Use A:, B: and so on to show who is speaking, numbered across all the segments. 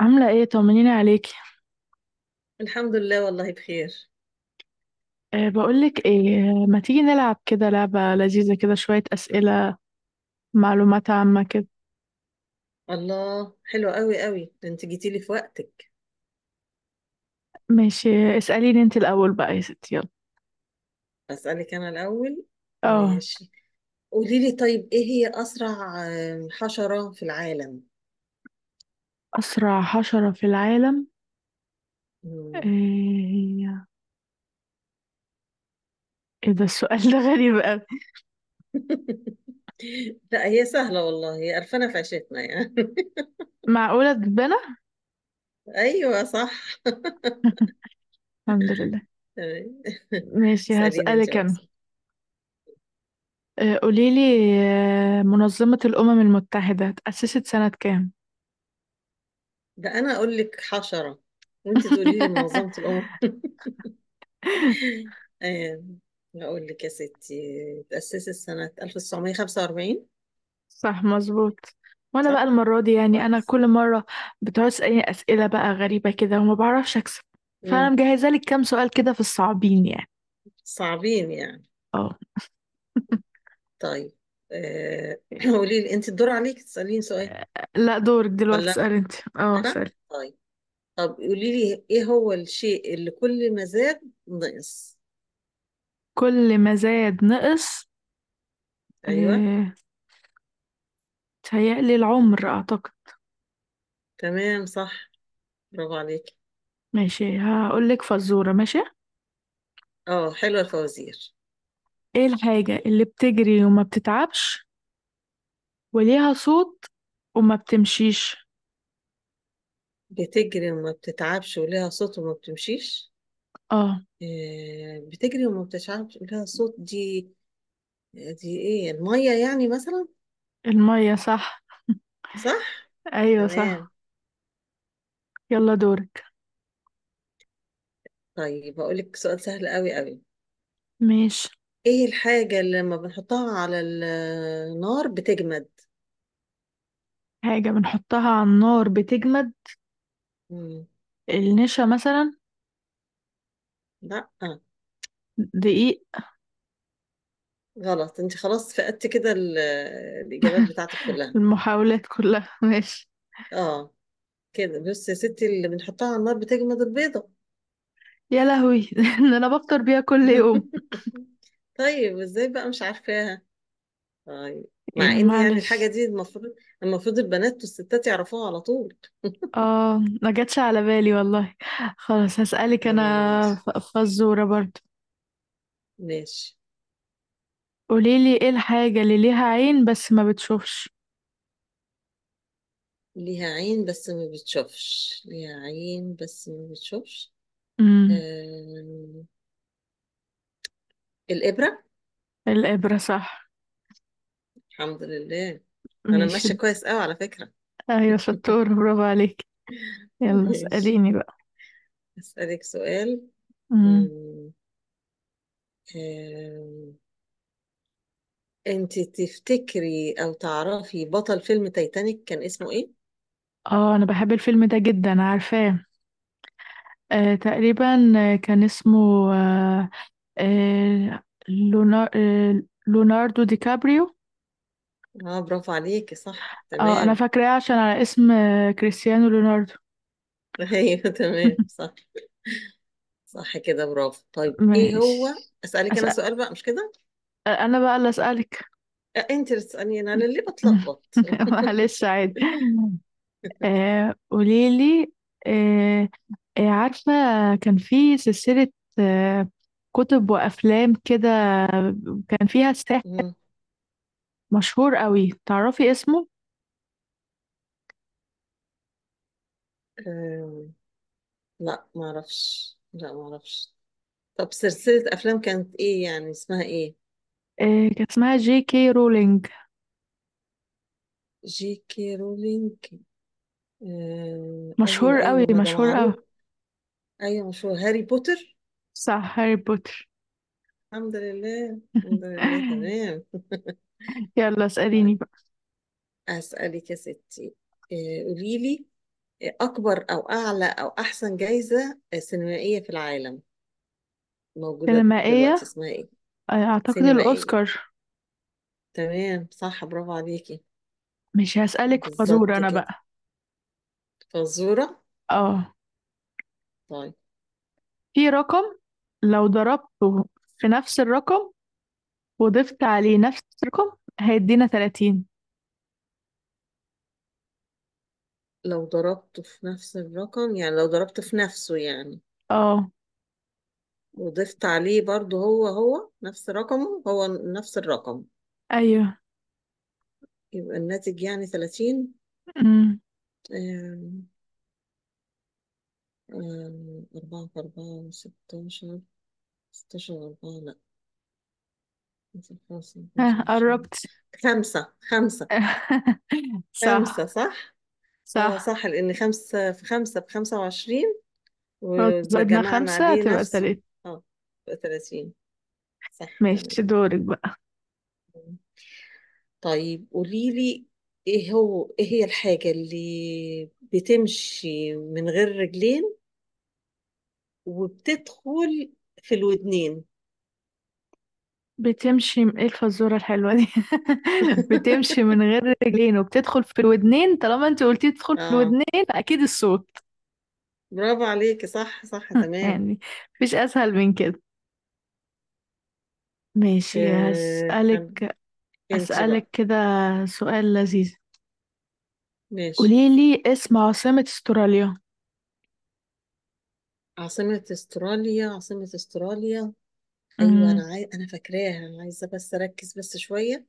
A: عاملة ايه؟ طمنيني عليكي.
B: الحمد لله والله بخير.
A: بقولك ايه؟ ما تيجي نلعب كده لعبة لذيذة كده، شوية أسئلة معلومات عامة كده.
B: الله، حلو قوي قوي، ده انت جيتي لي في وقتك.
A: ماشي، اسأليني انت الأول بقى يا ستي، يلا.
B: اسالك انا الاول.
A: اه.
B: ماشي. قولي لي طيب، ايه هي اسرع حشرة في العالم؟
A: أسرع حشرة في العالم؟
B: مم.
A: ايه؟ ايه ده السؤال ده؟ غريب أوي.
B: لا، هي سهلة والله، هي قرفانة في عيشتنا يعني.
A: معقولة تتبنى؟
B: ايوه صح.
A: الحمد لله.
B: تمام.
A: ماشي،
B: اساليني انت
A: هسألك
B: بقى.
A: أنا. قوليلي. منظمة الأمم المتحدة اتأسست سنة كام؟
B: ده انا اقول لك حشرة وانت تقولي لي منظمة الامم. آه، اقول لك يا ستي تأسست سنة 1945.
A: صح، مظبوط. وانا بقى
B: صح،
A: المرة دي يعني، انا
B: كويس.
A: كل مرة بتقعد تسألني اسئلة بقى غريبة كده وما بعرفش اكسب، فانا
B: امم،
A: مجهزة لك كام سؤال كده في الصعبين يعني.
B: صعبين يعني؟
A: اه.
B: طيب. قولي لي انت، الدور عليك تسأليني سؤال،
A: لا، دورك دلوقتي،
B: ولا
A: اسأل انت. اه،
B: انا؟
A: اسأل.
B: طيب. طب قولي لي، ايه هو الشيء اللي كل ما زاد نقص؟
A: كل ما زاد نقص؟
B: ايوه
A: اه، تهيألي العمر اعتقد.
B: تمام صح، برافو عليك.
A: ماشي، هقول لك فزورة. ماشي،
B: اه حلوه الفوازير.
A: ايه الحاجة اللي بتجري وما بتتعبش وليها صوت وما بتمشيش؟
B: بتجري وما بتتعبش ولها صوت وما بتمشيش؟
A: اه.
B: بتجري وما بتتعبش ولها صوت، دي ايه؟ الميه يعني مثلا.
A: المية صح.
B: صح.
A: ايوه
B: تمام.
A: صح. يلا دورك.
B: طيب، اقول لك سؤال سهل قوي قوي.
A: ماشي.
B: ايه الحاجة اللي لما بنحطها على النار بتجمد؟
A: حاجة بنحطها على النار بتجمد؟
B: مم.
A: النشا مثلا.
B: لا. آه.
A: دقيق.
B: غلط. انت خلاص، فقدت كده الإجابات بتاعتك كلها.
A: المحاولات كلها. ماشي.
B: اه كده، بص يا ستي، اللي بنحطها على النار بتجمد البيضة.
A: يا لهوي! ده انا بفطر بيها كل يوم.
B: طيب ازاي بقى مش عارفاها؟ طيب،
A: يا
B: مع ان يعني الحاجة
A: معلش،
B: دي المفروض، المفروض البنات والستات يعرفوها على طول.
A: اه، ما جاتش على بالي والله. خلاص، هسألك
B: يلا
A: انا
B: معلش.
A: فزورة برضو.
B: ماشي.
A: قوليلي، ايه الحاجة اللي ليها عين بس ما بتشوفش؟
B: ليها عين بس ما بتشوفش، ليها عين بس ما بتشوفش.
A: امم.
B: آه... الإبرة.
A: الإبرة صح.
B: الحمد لله. انا
A: ماشي.
B: ماشيه كويس قوي على فكره.
A: ايوه شطورة، برافو عليك. يلا
B: ماشي.
A: اسأليني بقى.
B: اسالك سؤال.
A: امم.
B: مم. آم، انت تفتكري او تعرفي بطل فيلم تايتانيك كان اسمه ايه؟
A: اه، انا بحب الفيلم ده جدا، عارفاه. تقريبا آه، كان اسمه آه، آه، لونا- آه، ليوناردو دي كابريو.
B: اه برافو عليكي، صح
A: اه، انا
B: تمام.
A: فاكراه عشان على اسم كريستيانو ليوناردو.
B: ايوه تمام صح. صح كده، برافو. طيب ايه هو؟
A: ماشي.
B: اسالك انا
A: أسأل.
B: سؤال بقى، مش كده؟
A: انا بقى اللي اسالك.
B: انت اللي تساليني انا، ليه بتلخبط؟
A: معلش، عادي. قوليلي، آه، عارفة كان في سلسلة آه، كتب وأفلام كده، كان فيها ساحر
B: مم.
A: مشهور قوي، تعرفي اسمه؟
B: آم، لا ما اعرفش، لا ما اعرفش. طب، سلسله افلام كانت ايه، يعني اسمها ايه؟
A: إيه، كان اسمها J. K. Rowling.
B: جي كي رولينج؟ آه
A: مشهور
B: ايوه
A: قوي،
B: ايوه، ما ده
A: مشهور قوي.
B: معروف. ايوه مشهور، هاري بوتر.
A: صح، هاري بوتر.
B: الحمد لله. الحمد لله تمام.
A: يلا اسأليني
B: طيب،
A: بقى.
B: اسالك يا ستي. آه قولي لي، اكبر او اعلى او احسن جائزه سينمائيه في العالم موجوده دلوقتي
A: سينمائية،
B: اسمها ايه؟
A: أعتقد
B: سينمائيه.
A: الأوسكار.
B: تمام صح، برافو عليكي.
A: مش هسألك في فزور
B: بالظبط
A: أنا
B: كده،
A: بقى؟
B: فزوره.
A: اه.
B: طيب.
A: في رقم، لو ضربته في نفس الرقم وضفت عليه نفس الرقم هيدينا 30.
B: لو ضربته في نفس الرقم يعني، لو ضربته في نفسه يعني
A: اه.
B: وضفت عليه برضو هو هو نفس رقمه، هو نفس الرقم،
A: أيوه.
B: يبقى الناتج يعني 30.
A: أمم،
B: آم، أربعة في أربعة ستاشر. ستاشر أربعة، لأ. خمسة في خمسة، خمسة
A: ها
B: وعشرين.
A: قربت.
B: خمسة خمسة.
A: صح،
B: خمسة، صح؟ اه
A: صح.
B: صح، لأن خمسة في خمسة بخمسة وعشرين،
A: لو
B: ولو
A: زودنا
B: جمعنا
A: خمسة
B: عليه
A: هتبقى
B: نفسه،
A: تلاتة.
B: اه، بقى تلاتين. صح تمام.
A: ماشي، دورك.
B: طيب قولي لي، ايه هي الحاجة اللي بتمشي من غير رجلين وبتدخل في الودنين؟
A: ايه الفزورة الحلوة دي؟ بتمشي من غير رجلين وبتدخل في الودنين؟ طالما انت قلتي تدخل في
B: اه
A: الودنين، اكيد الصوت
B: برافو عليكي، صح صح تمام.
A: يعني، مفيش اسهل من كده. ماشي،
B: آه انا انت
A: أسألك
B: بقى.
A: كده سؤال لذيذ.
B: ماشي.
A: قوليلي اسم عاصمة استراليا.
B: عاصمة استراليا، عاصمة استراليا. ايوه انا
A: امم
B: انا فاكراها، انا عايزة بس اركز بس شوية.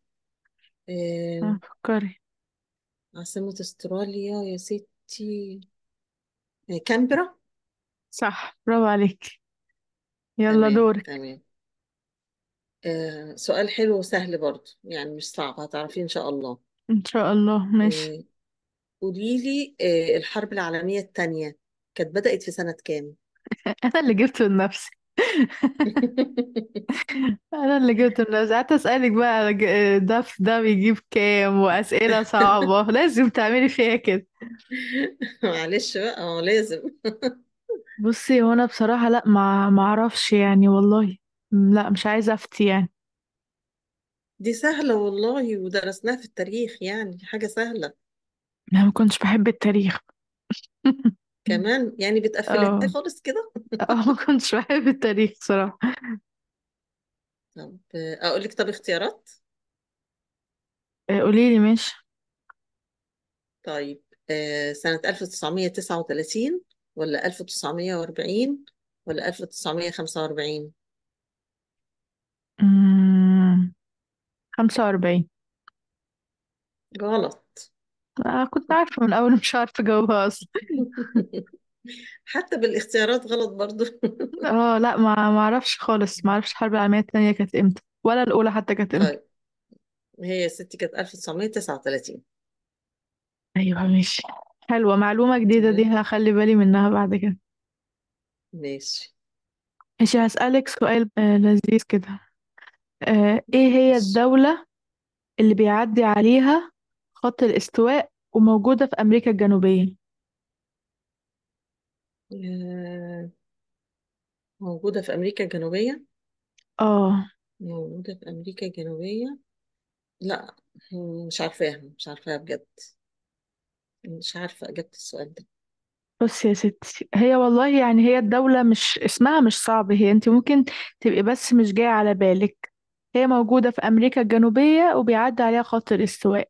B: آه،
A: فكري.
B: عاصمة استراليا يا ستي، كامبرا.
A: صح، برافو عليك. يلا
B: تمام
A: دورك.
B: تمام. سؤال حلو وسهل برضو يعني مش صعب، هتعرفيه إن شاء الله.
A: ان شاء الله، ماشي.
B: آه، قوليلي، الحرب العالمية التانية كانت بدأت في سنة كام؟
A: انا اللي جبته لنفسي. انا اللي جبت الناس قعدت اسالك بقى على ده، في ده بيجيب كام واسئله صعبه؟ لازم تعملي فيها كده.
B: معلش بقى، هو لازم.
A: بصي هو انا بصراحه، لا، ما اعرفش يعني والله. لا، مش عايزه افتي يعني.
B: دي سهلة والله، ودرسناها في التاريخ يعني حاجة سهلة.
A: انا ما كنتش بحب التاريخ.
B: كمان يعني بتقفلها
A: اه،
B: خالص كده.
A: اه، ما كنتش بحب التاريخ صراحه.
B: طب أقول لك طب اختيارات.
A: قولي لي ماشي.
B: طيب، سنة 1939 ولا 1940 ولا 1945؟
A: أمم، 45.
B: غلط.
A: كنت عارفه من الاول، مش عارفه اجاوبها اصلا.
B: حتى بالاختيارات غلط برضو.
A: اه، لا، ما اعرفش خالص، ما اعرفش الحرب العالميه الثانيه كانت امتى ولا الاولى حتى كانت.
B: طيب، هي يا ستي كانت 1939.
A: ايوه ماشي. حلوة معلومة جديدة دي،
B: تمام.
A: هخلي بالي منها بعد كده.
B: ماشي
A: ماشي، هسألك سؤال لذيذ كده. ايه هي
B: ماشي.
A: الدولة اللي بيعدي عليها خط الاستواء وموجودة في أمريكا الجنوبية؟
B: آه، موجودة في أمريكا الجنوبية،
A: اه.
B: موجودة في أمريكا الجنوبية؟ لا. مش عارفاها، مش عارفاها بجد. مش عارفة إجابة السؤال ده.
A: بص يا ستي، هي والله يعني، هي الدولة مش اسمها مش صعب، هي انت ممكن تبقي بس مش جاية على بالك. هي موجودة في أمريكا الجنوبية وبيعدي عليها خط الاستواء.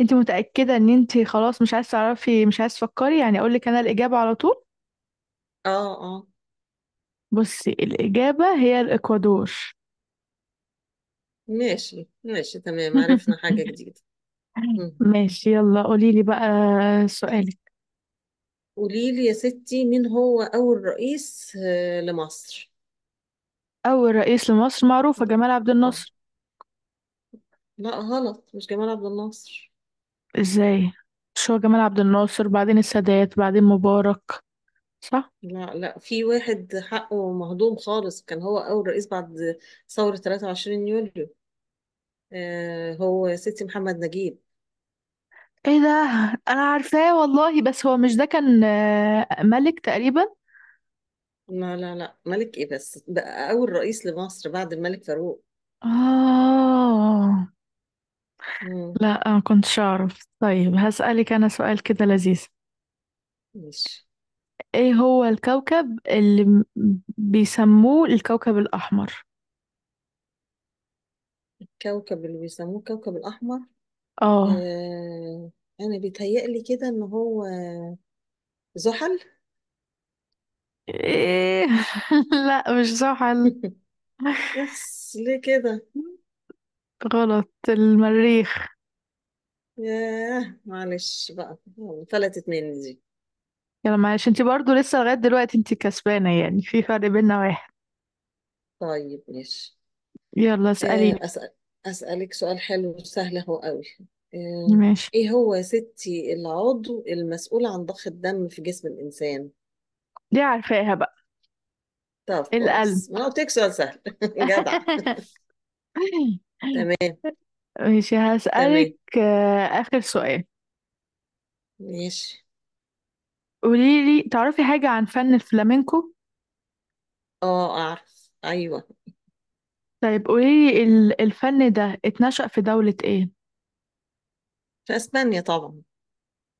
A: انت متأكدة ان انت خلاص مش عايز تعرفي، مش عايز تفكري، يعني اقولك انا الإجابة على طول؟
B: اه اه.
A: بصي، الإجابة هي الإكوادور.
B: ماشي ماشي، تمام. عرفنا حاجة جديدة. مم.
A: ماشي. يلا قولي لي بقى سؤالك.
B: قولي لي يا ستي، مين هو أول رئيس لمصر؟
A: أول رئيس لمصر معروفة، جمال عبد
B: اه.
A: الناصر.
B: لا غلط، مش جمال عبد الناصر.
A: إزاي؟ مش هو جمال عبد الناصر بعدين السادات بعدين مبارك؟ صح؟
B: لا لا، في واحد حقه مهضوم خالص، كان هو أول رئيس بعد ثورة 23 يوليو. آه، هو يا ستي محمد نجيب.
A: إيه ده؟ أنا عارفاه والله، بس هو مش ده كان ملك تقريبا؟
B: لا لا لا، ملك إيه؟ بس بقى أول رئيس لمصر بعد الملك فاروق.
A: آه،
B: مم.
A: لا أنا كنتش أعرف. طيب هسألك أنا سؤال كده لذيذ.
B: ماشي.
A: إيه هو الكوكب اللي بيسموه الكوكب الأحمر؟
B: كوكب اللي بيسموه الكوكب الأحمر.
A: اه.
B: آه، أنا بيتهيألي كده إن هو زحل.
A: ايه؟ لا، مش زحل.
B: بس ليه كده؟
A: غلط. المريخ.
B: ياه معلش بقى، فلتت مني دي.
A: يلا معلش، انت برضو لسه لغاية دلوقتي انت كسبانة، يعني في فرق بيننا واحد.
B: طيب ماشي.
A: يلا اسأليني.
B: أسأل. أسألك سؤال حلو وسهل أهو قوي. آه،
A: ماشي،
B: إيه هو يا ستي العضو المسؤول عن ضخ الدم في جسم الإنسان؟
A: دي عارفاها بقى.
B: طب
A: القلب.
B: كويس، ما أنا قلت لك سؤال سهل. جدع. تمام
A: ماشي،
B: تمام.
A: هسألك آخر سؤال.
B: ماشي.
A: قوليلي، تعرفي حاجة عن فن الفلامينكو؟
B: أه أعرف أيوه.
A: طيب، قوليلي الفن ده اتنشأ في دولة ايه؟
B: في أسبانيا طبعا.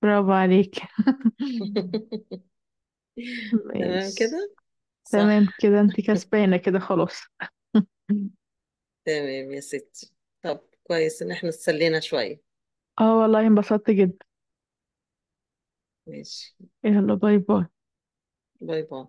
A: برافو عليك.
B: تمام كده،
A: ماشي. تمام
B: صح.
A: كده، انت كسبانة كده خلاص.
B: تمام يا ستي. طب كويس إن إحنا اتسلينا شوية.
A: اه والله انبسطت جدا.
B: ماشي.
A: يلا، باي باي.
B: باي باي.